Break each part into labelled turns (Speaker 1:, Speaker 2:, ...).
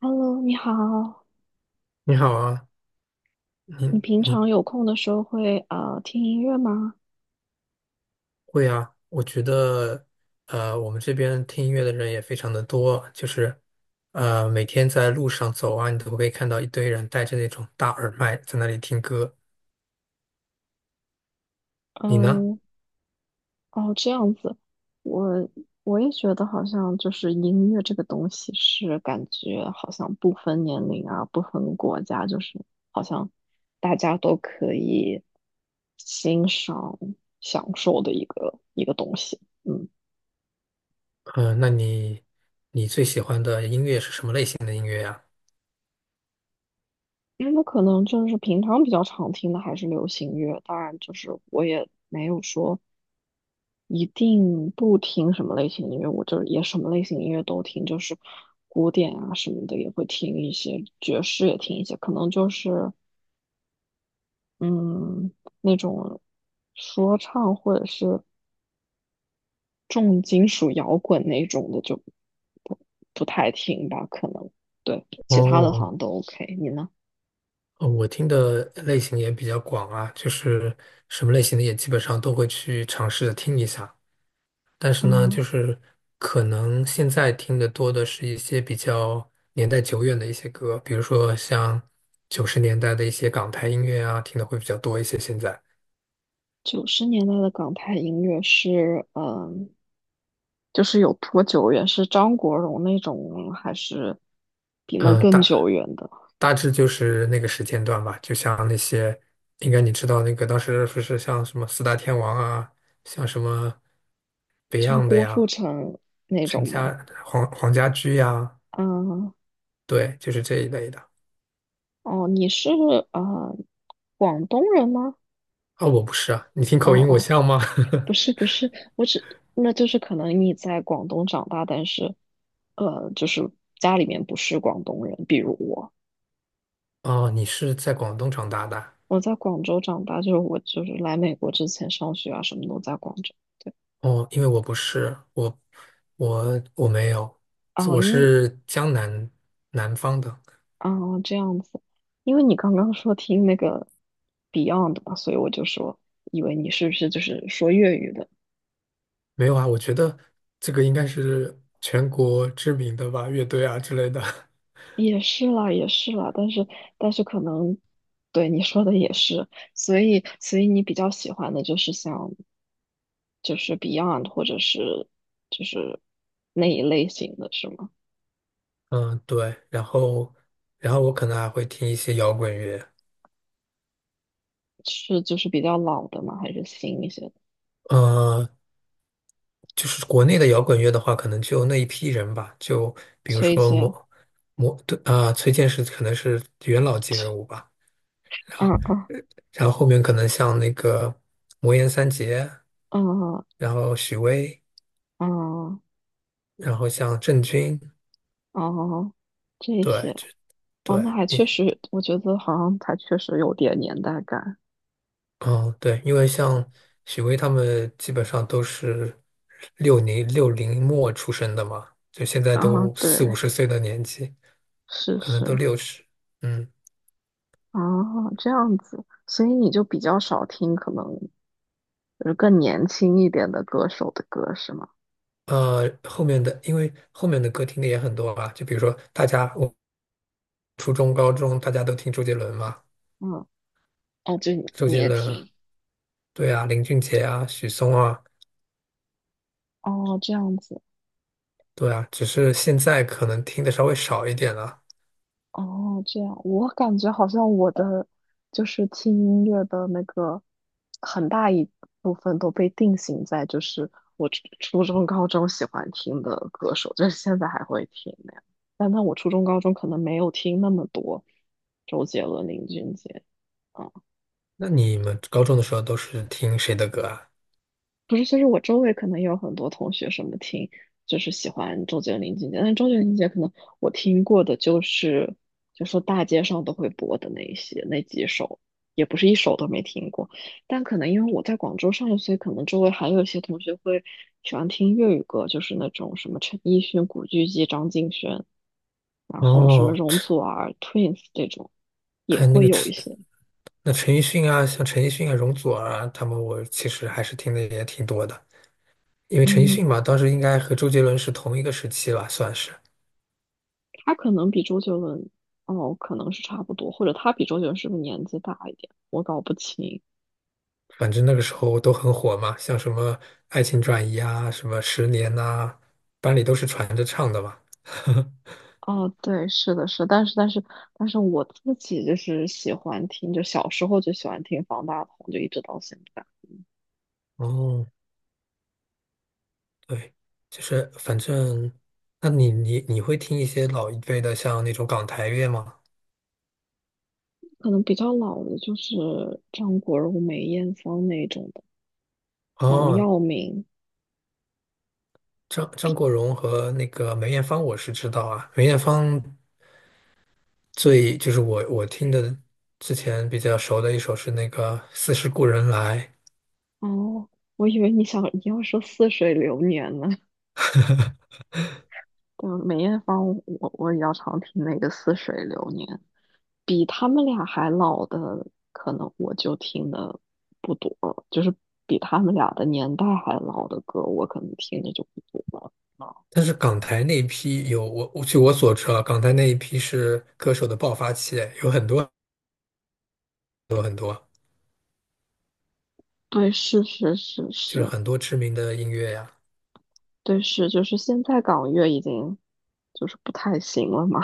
Speaker 1: Hello，你好，
Speaker 2: 你好啊，你
Speaker 1: 你平
Speaker 2: 你
Speaker 1: 常有空的时候会听音乐吗？
Speaker 2: 会啊？我觉得，我们这边听音乐的人也非常的多，就是，每天在路上走啊，你都会看到一堆人戴着那种大耳麦在那里听歌。你呢？
Speaker 1: 嗯，哦，这样子，我我也觉得好像就是音乐这个东西是感觉好像不分年龄啊，不分国家，就是好像大家都可以欣赏享受的一个东西。嗯，
Speaker 2: 那你最喜欢的音乐是什么类型的音乐呀？
Speaker 1: 因为我可能就是平常比较常听的还是流行乐，当然就是我也没有说。一定不听什么类型音乐，我就也什么类型音乐都听，就是古典啊什么的也会听一些，爵士也听一些，可能就是嗯那种说唱或者是重金属摇滚那种的就不不太听吧，可能对其他的
Speaker 2: 哦，
Speaker 1: 好像都 OK。你呢？
Speaker 2: 我听的类型也比较广啊，就是什么类型的也基本上都会去尝试着听一下。但是呢，就
Speaker 1: 嗯。
Speaker 2: 是可能现在听的多的是一些比较年代久远的一些歌，比如说像90年代的一些港台音乐啊，听的会比较多一些。现在，
Speaker 1: 90年代的港台音乐是，嗯，就是有多久远？是张国荣那种，还是比那
Speaker 2: 呃，
Speaker 1: 更久
Speaker 2: 大
Speaker 1: 远的？
Speaker 2: 大致就是那个时间段吧，就像那些，应该你知道那个当时不是像什么四大天王啊，像什么
Speaker 1: 就是
Speaker 2: Beyond 的
Speaker 1: 郭富
Speaker 2: 呀，
Speaker 1: 城那
Speaker 2: 陈
Speaker 1: 种吗？
Speaker 2: 家黄黄家驹呀，
Speaker 1: 嗯，
Speaker 2: 对，就是这一类的。
Speaker 1: 哦，你是呃广东人吗？
Speaker 2: 啊、我不是啊，你听
Speaker 1: 哦
Speaker 2: 口音我
Speaker 1: 哦，
Speaker 2: 像吗？
Speaker 1: 不是，我只那就是可能你在广东长大，但是就是家里面不是广东人，比如我，
Speaker 2: 哦，你是在广东长大的啊。
Speaker 1: 我在广州长大，就是我就是来美国之前上学啊，什么都在广州。对。
Speaker 2: 哦，因为我不是，我没有，
Speaker 1: 哦，
Speaker 2: 我
Speaker 1: 因为
Speaker 2: 是南方的，
Speaker 1: 哦这样子，因为你刚刚说听那个 Beyond 嘛，所以我就说，以为你是不是就是说粤语的？
Speaker 2: 没有啊。我觉得这个应该是全国知名的吧，乐队啊之类的。
Speaker 1: 也是啦，也是啦，但是可能，对你说的也是，所以你比较喜欢的就是像就是 Beyond 或者是就是那一类型的是吗？
Speaker 2: 嗯，对。然后我可能还会听一些摇滚乐。
Speaker 1: 是就是比较老的吗？还是新一些的？
Speaker 2: 呃，就是国内的摇滚乐的话，可能就那一批人吧，就
Speaker 1: 崔
Speaker 2: 说
Speaker 1: 健，
Speaker 2: 魔魔对啊、崔健是可能是元老级人物 吧。然后，
Speaker 1: 嗯嗯
Speaker 2: 然后后面可能像那个魔岩三杰，
Speaker 1: 嗯
Speaker 2: 然后许巍。
Speaker 1: 嗯
Speaker 2: 然后像郑钧，
Speaker 1: 哦，这
Speaker 2: 对，
Speaker 1: 些。
Speaker 2: 这
Speaker 1: 哦，
Speaker 2: 对
Speaker 1: 那还确
Speaker 2: 你，
Speaker 1: 实，我觉得好像还确实有点年代感
Speaker 2: 嗯，对，因为像许巍他们基本上都是六零末出生的嘛，就现在
Speaker 1: 啊。
Speaker 2: 都
Speaker 1: 对，
Speaker 2: 四五十岁的年纪，
Speaker 1: 是
Speaker 2: 可能都
Speaker 1: 是
Speaker 2: 60，嗯，
Speaker 1: 啊，这样子，所以你就比较少听可能就是更年轻一点的歌手的歌，是吗？
Speaker 2: 后面的因为后面的歌听的也很多吧，就比如说我初中、高中大家都听周杰伦嘛，
Speaker 1: 嗯，哦，就你
Speaker 2: 周
Speaker 1: 你
Speaker 2: 杰
Speaker 1: 也
Speaker 2: 伦，
Speaker 1: 听
Speaker 2: 对啊，林俊杰啊，许嵩啊，
Speaker 1: 哦，这样子。
Speaker 2: 对啊，只是现在可能听的稍微少一点了。
Speaker 1: 哦，这样，我感觉好像我的就是听音乐的那个很大一部分都被定型在就是我初中、高中喜欢听的歌手，就是现在还会听那样。但那我初中、高中可能没有听那么多周杰伦、林俊杰。嗯
Speaker 2: 那你们高中的时候都是听谁的歌啊？
Speaker 1: 不是，就是我周围可能也有很多同学什么听，就是喜欢周杰伦、林俊杰，但周杰伦、林俊杰可能我听过的就是，就说大街上都会播的那一些那几首，也不是一首都没听过。但可能因为我在广州上学，所以可能周围还有一些同学会喜欢听粤语歌，就是那种什么陈奕迅、古巨基、张敬轩，然后什么
Speaker 2: 哦，
Speaker 1: 容
Speaker 2: 陈，
Speaker 1: 祖儿、Twins 这种，也
Speaker 2: 哎，那
Speaker 1: 会
Speaker 2: 个
Speaker 1: 有一
Speaker 2: 陈，
Speaker 1: 些。
Speaker 2: 那陈奕迅啊，像陈奕迅啊、容祖儿啊，他们我其实还是听的也挺多的。因为陈奕
Speaker 1: 嗯，
Speaker 2: 迅嘛，当时应该和周杰伦是同一个时期吧，算是。
Speaker 1: 他可能比周杰伦，哦，可能是差不多，或者他比周杰伦是不是年纪大一点？我搞不清。
Speaker 2: 反正那个时候都很火嘛，像什么《爱情转移》啊，什么《十年》呐，班里都是传着唱的嘛。
Speaker 1: 哦，对，是的，是的但是我自己就是喜欢听，就小时候就喜欢听方大同，就一直到现在。
Speaker 2: 哦，对，就是反正，那你会听一些老一辈的，像那种港台乐吗？
Speaker 1: 可能比较老的就是张国荣、梅艳芳那种的，黄
Speaker 2: 哦，
Speaker 1: 耀明。
Speaker 2: 张国荣和那个梅艳芳，我是知道啊。梅艳芳就是我听的之前比较熟的一首是那个《似是故人来》，
Speaker 1: 哦，我以为你要说《似水流年》呢。对，梅艳芳我也要常听那个《似水流年》。比他们俩还老的，可能我就听的不多了就是比他们俩的年代还老的歌，我可能听的就不多了。啊，
Speaker 2: 但是港台那一批有我我据我所知啊，港台那一批是歌手的爆发期，有很多
Speaker 1: 对，是是是
Speaker 2: 就是
Speaker 1: 是，
Speaker 2: 很多知名的音乐呀。
Speaker 1: 对是，就是现在港乐已经就是不太行了嘛。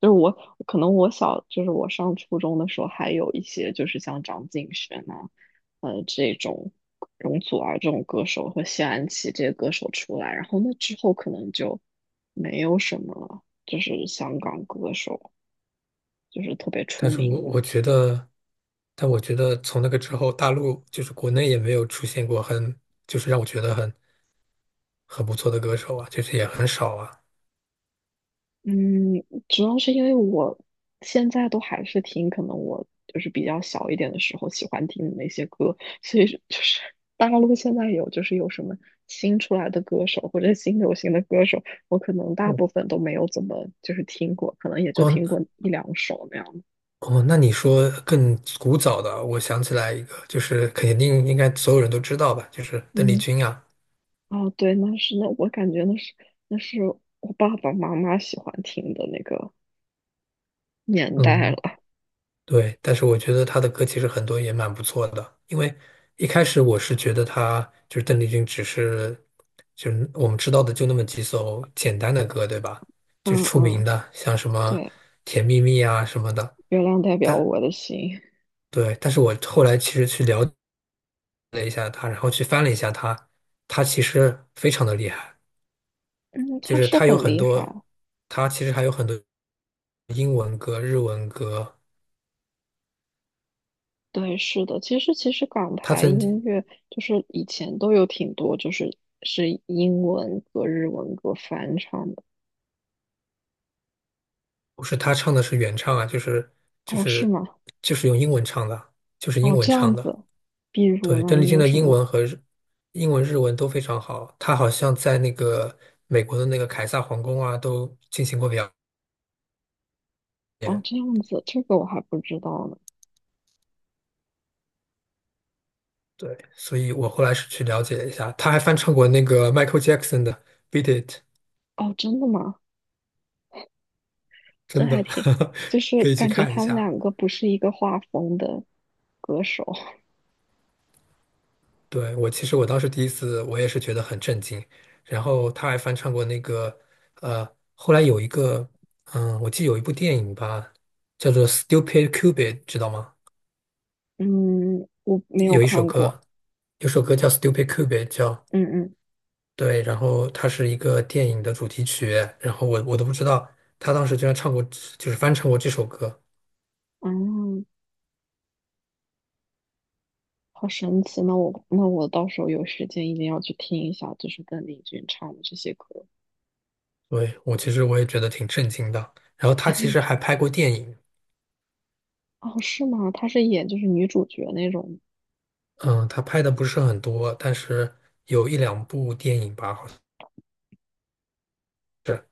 Speaker 1: 就是我可能我小就是我上初中的时候，还有一些就是像张敬轩啊，这种容祖儿这种歌手和谢安琪这些歌手出来，然后那之后可能就没有什么就是香港歌手就是特别
Speaker 2: 但
Speaker 1: 出
Speaker 2: 是我
Speaker 1: 名的。
Speaker 2: 我觉得，但我觉得从那个之后，大陆就是国内也没有出现过就是让我觉得很不错的歌手啊，就是也很少啊。
Speaker 1: 嗯，主要是因为我现在都还是听，可能我就是比较小一点的时候喜欢听的那些歌，所以是就是大陆现在有就是有什么新出来的歌手或者新流行的歌手，我可能大部分都没有怎么就是听过，可能也就
Speaker 2: 哦，
Speaker 1: 听过一两首那样的。
Speaker 2: 哦，那你说更古早的，我想起来一个，就是肯定应该所有人都知道吧，就是邓丽
Speaker 1: 嗯，
Speaker 2: 君啊。
Speaker 1: 哦，对，那是那我感觉那是我爸爸妈妈喜欢听的那个年代了。
Speaker 2: 嗯，对，但是我觉得她的歌其实很多也蛮不错的，因为一开始我是觉得她就是邓丽君，只是就是我们知道的就那么几首简单的歌，对吧？就是
Speaker 1: 嗯
Speaker 2: 出
Speaker 1: 嗯，
Speaker 2: 名的，像什么
Speaker 1: 对，
Speaker 2: 《甜蜜蜜》啊什么的。
Speaker 1: 月亮代表
Speaker 2: 但
Speaker 1: 我的心。
Speaker 2: 对，但是我后来其实去了解了一下她，然后去翻了一下她，她其实非常的厉害。
Speaker 1: 嗯，
Speaker 2: 就
Speaker 1: 他
Speaker 2: 是
Speaker 1: 是很厉害。
Speaker 2: 他其实还有很多英文歌、日文歌。
Speaker 1: 对，是的，其实港
Speaker 2: 他
Speaker 1: 台
Speaker 2: 曾经
Speaker 1: 音乐就是以前都有挺多，就是是英文歌、日文歌翻唱的。
Speaker 2: 不是他唱的是原唱啊，就
Speaker 1: 哦，是
Speaker 2: 是
Speaker 1: 吗？
Speaker 2: 就是用英文唱的，就是英
Speaker 1: 哦，
Speaker 2: 文
Speaker 1: 这样
Speaker 2: 唱的。
Speaker 1: 子。比如
Speaker 2: 对，
Speaker 1: 呢，
Speaker 2: 邓丽
Speaker 1: 你
Speaker 2: 君
Speaker 1: 有
Speaker 2: 的
Speaker 1: 什么？
Speaker 2: 英文、日文都非常好。她好像在那个美国的那个凯撒皇宫啊，都进行过表
Speaker 1: 哦，
Speaker 2: 演。
Speaker 1: 这样子，这个我还不知道呢。
Speaker 2: 对，所以我后来是去了解了一下，他还翻唱过那个 Michael Jackson 的《Beat It》，
Speaker 1: 哦，真的吗？这
Speaker 2: 真
Speaker 1: 还
Speaker 2: 的，
Speaker 1: 挺，就 是
Speaker 2: 可以去
Speaker 1: 感觉
Speaker 2: 看一
Speaker 1: 他们
Speaker 2: 下。
Speaker 1: 两个不是一个画风的歌手。
Speaker 2: 对，我其实我当时第一次，我也是觉得很震惊。然后他还翻唱过那个，呃，后来有一个，嗯，我记得有一部电影吧，叫做《Stupid Cupid》，知道吗？
Speaker 1: 嗯，我没有
Speaker 2: 有一首
Speaker 1: 看过。
Speaker 2: 歌，有首歌叫《Stupid Cupid》，叫
Speaker 1: 嗯嗯，
Speaker 2: 对，然后它是一个电影的主题曲。然后我都不知道他当时居然唱过，就是翻唱过这首歌。
Speaker 1: 哦。好神奇！那我到时候有时间一定要去听一下，就是邓丽君唱的这些歌。
Speaker 2: 对，我其实我也觉得挺震惊的。然后他其实还拍过电影。
Speaker 1: 哦，是吗？她是演就是女主角那种
Speaker 2: 嗯，他拍的不是很多，但是有一两部电影吧，好像是。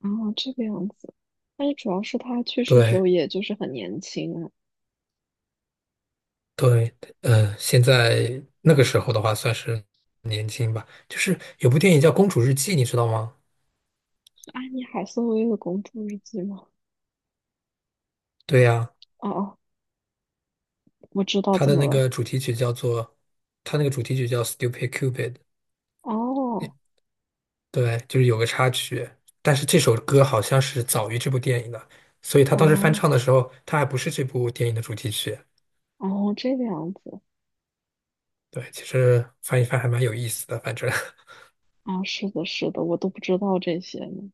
Speaker 1: 啊，这个样子。但是主要是她去世的时
Speaker 2: 对
Speaker 1: 候，也就是很年轻啊，
Speaker 2: 对，嗯，现在那个时候的话算是年轻吧。就是有部电影叫《公主日记》，你知道吗？
Speaker 1: 是安妮海瑟薇的《公主日记》吗？
Speaker 2: 对呀，
Speaker 1: 哦哦，我知道
Speaker 2: 它
Speaker 1: 怎
Speaker 2: 的
Speaker 1: 么
Speaker 2: 那
Speaker 1: 了。
Speaker 2: 个主题曲叫做，它那个主题曲叫《Stupid Cupid》。
Speaker 1: 哦
Speaker 2: 对，就是有个插曲，但是这首歌好像是早于这部电影的，所以他当时翻
Speaker 1: 哦
Speaker 2: 唱的时候，他还不是这部电影的主题曲。
Speaker 1: 哦，这个样子
Speaker 2: 对，其实翻一翻还蛮有意思的，反正，
Speaker 1: 啊，是的，是的，我都不知道这些呢。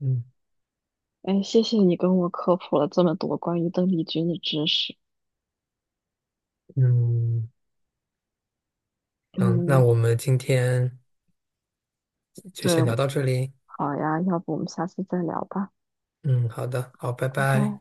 Speaker 2: 嗯
Speaker 1: 哎，谢谢你跟我科普了这么多关于邓丽君的知识。
Speaker 2: 嗯。嗯，那
Speaker 1: 嗯，
Speaker 2: 我们今天就
Speaker 1: 对，
Speaker 2: 先聊到这里。
Speaker 1: 好呀，要不我们下次再聊吧，
Speaker 2: 嗯，好的，好，拜
Speaker 1: 拜
Speaker 2: 拜。
Speaker 1: 拜。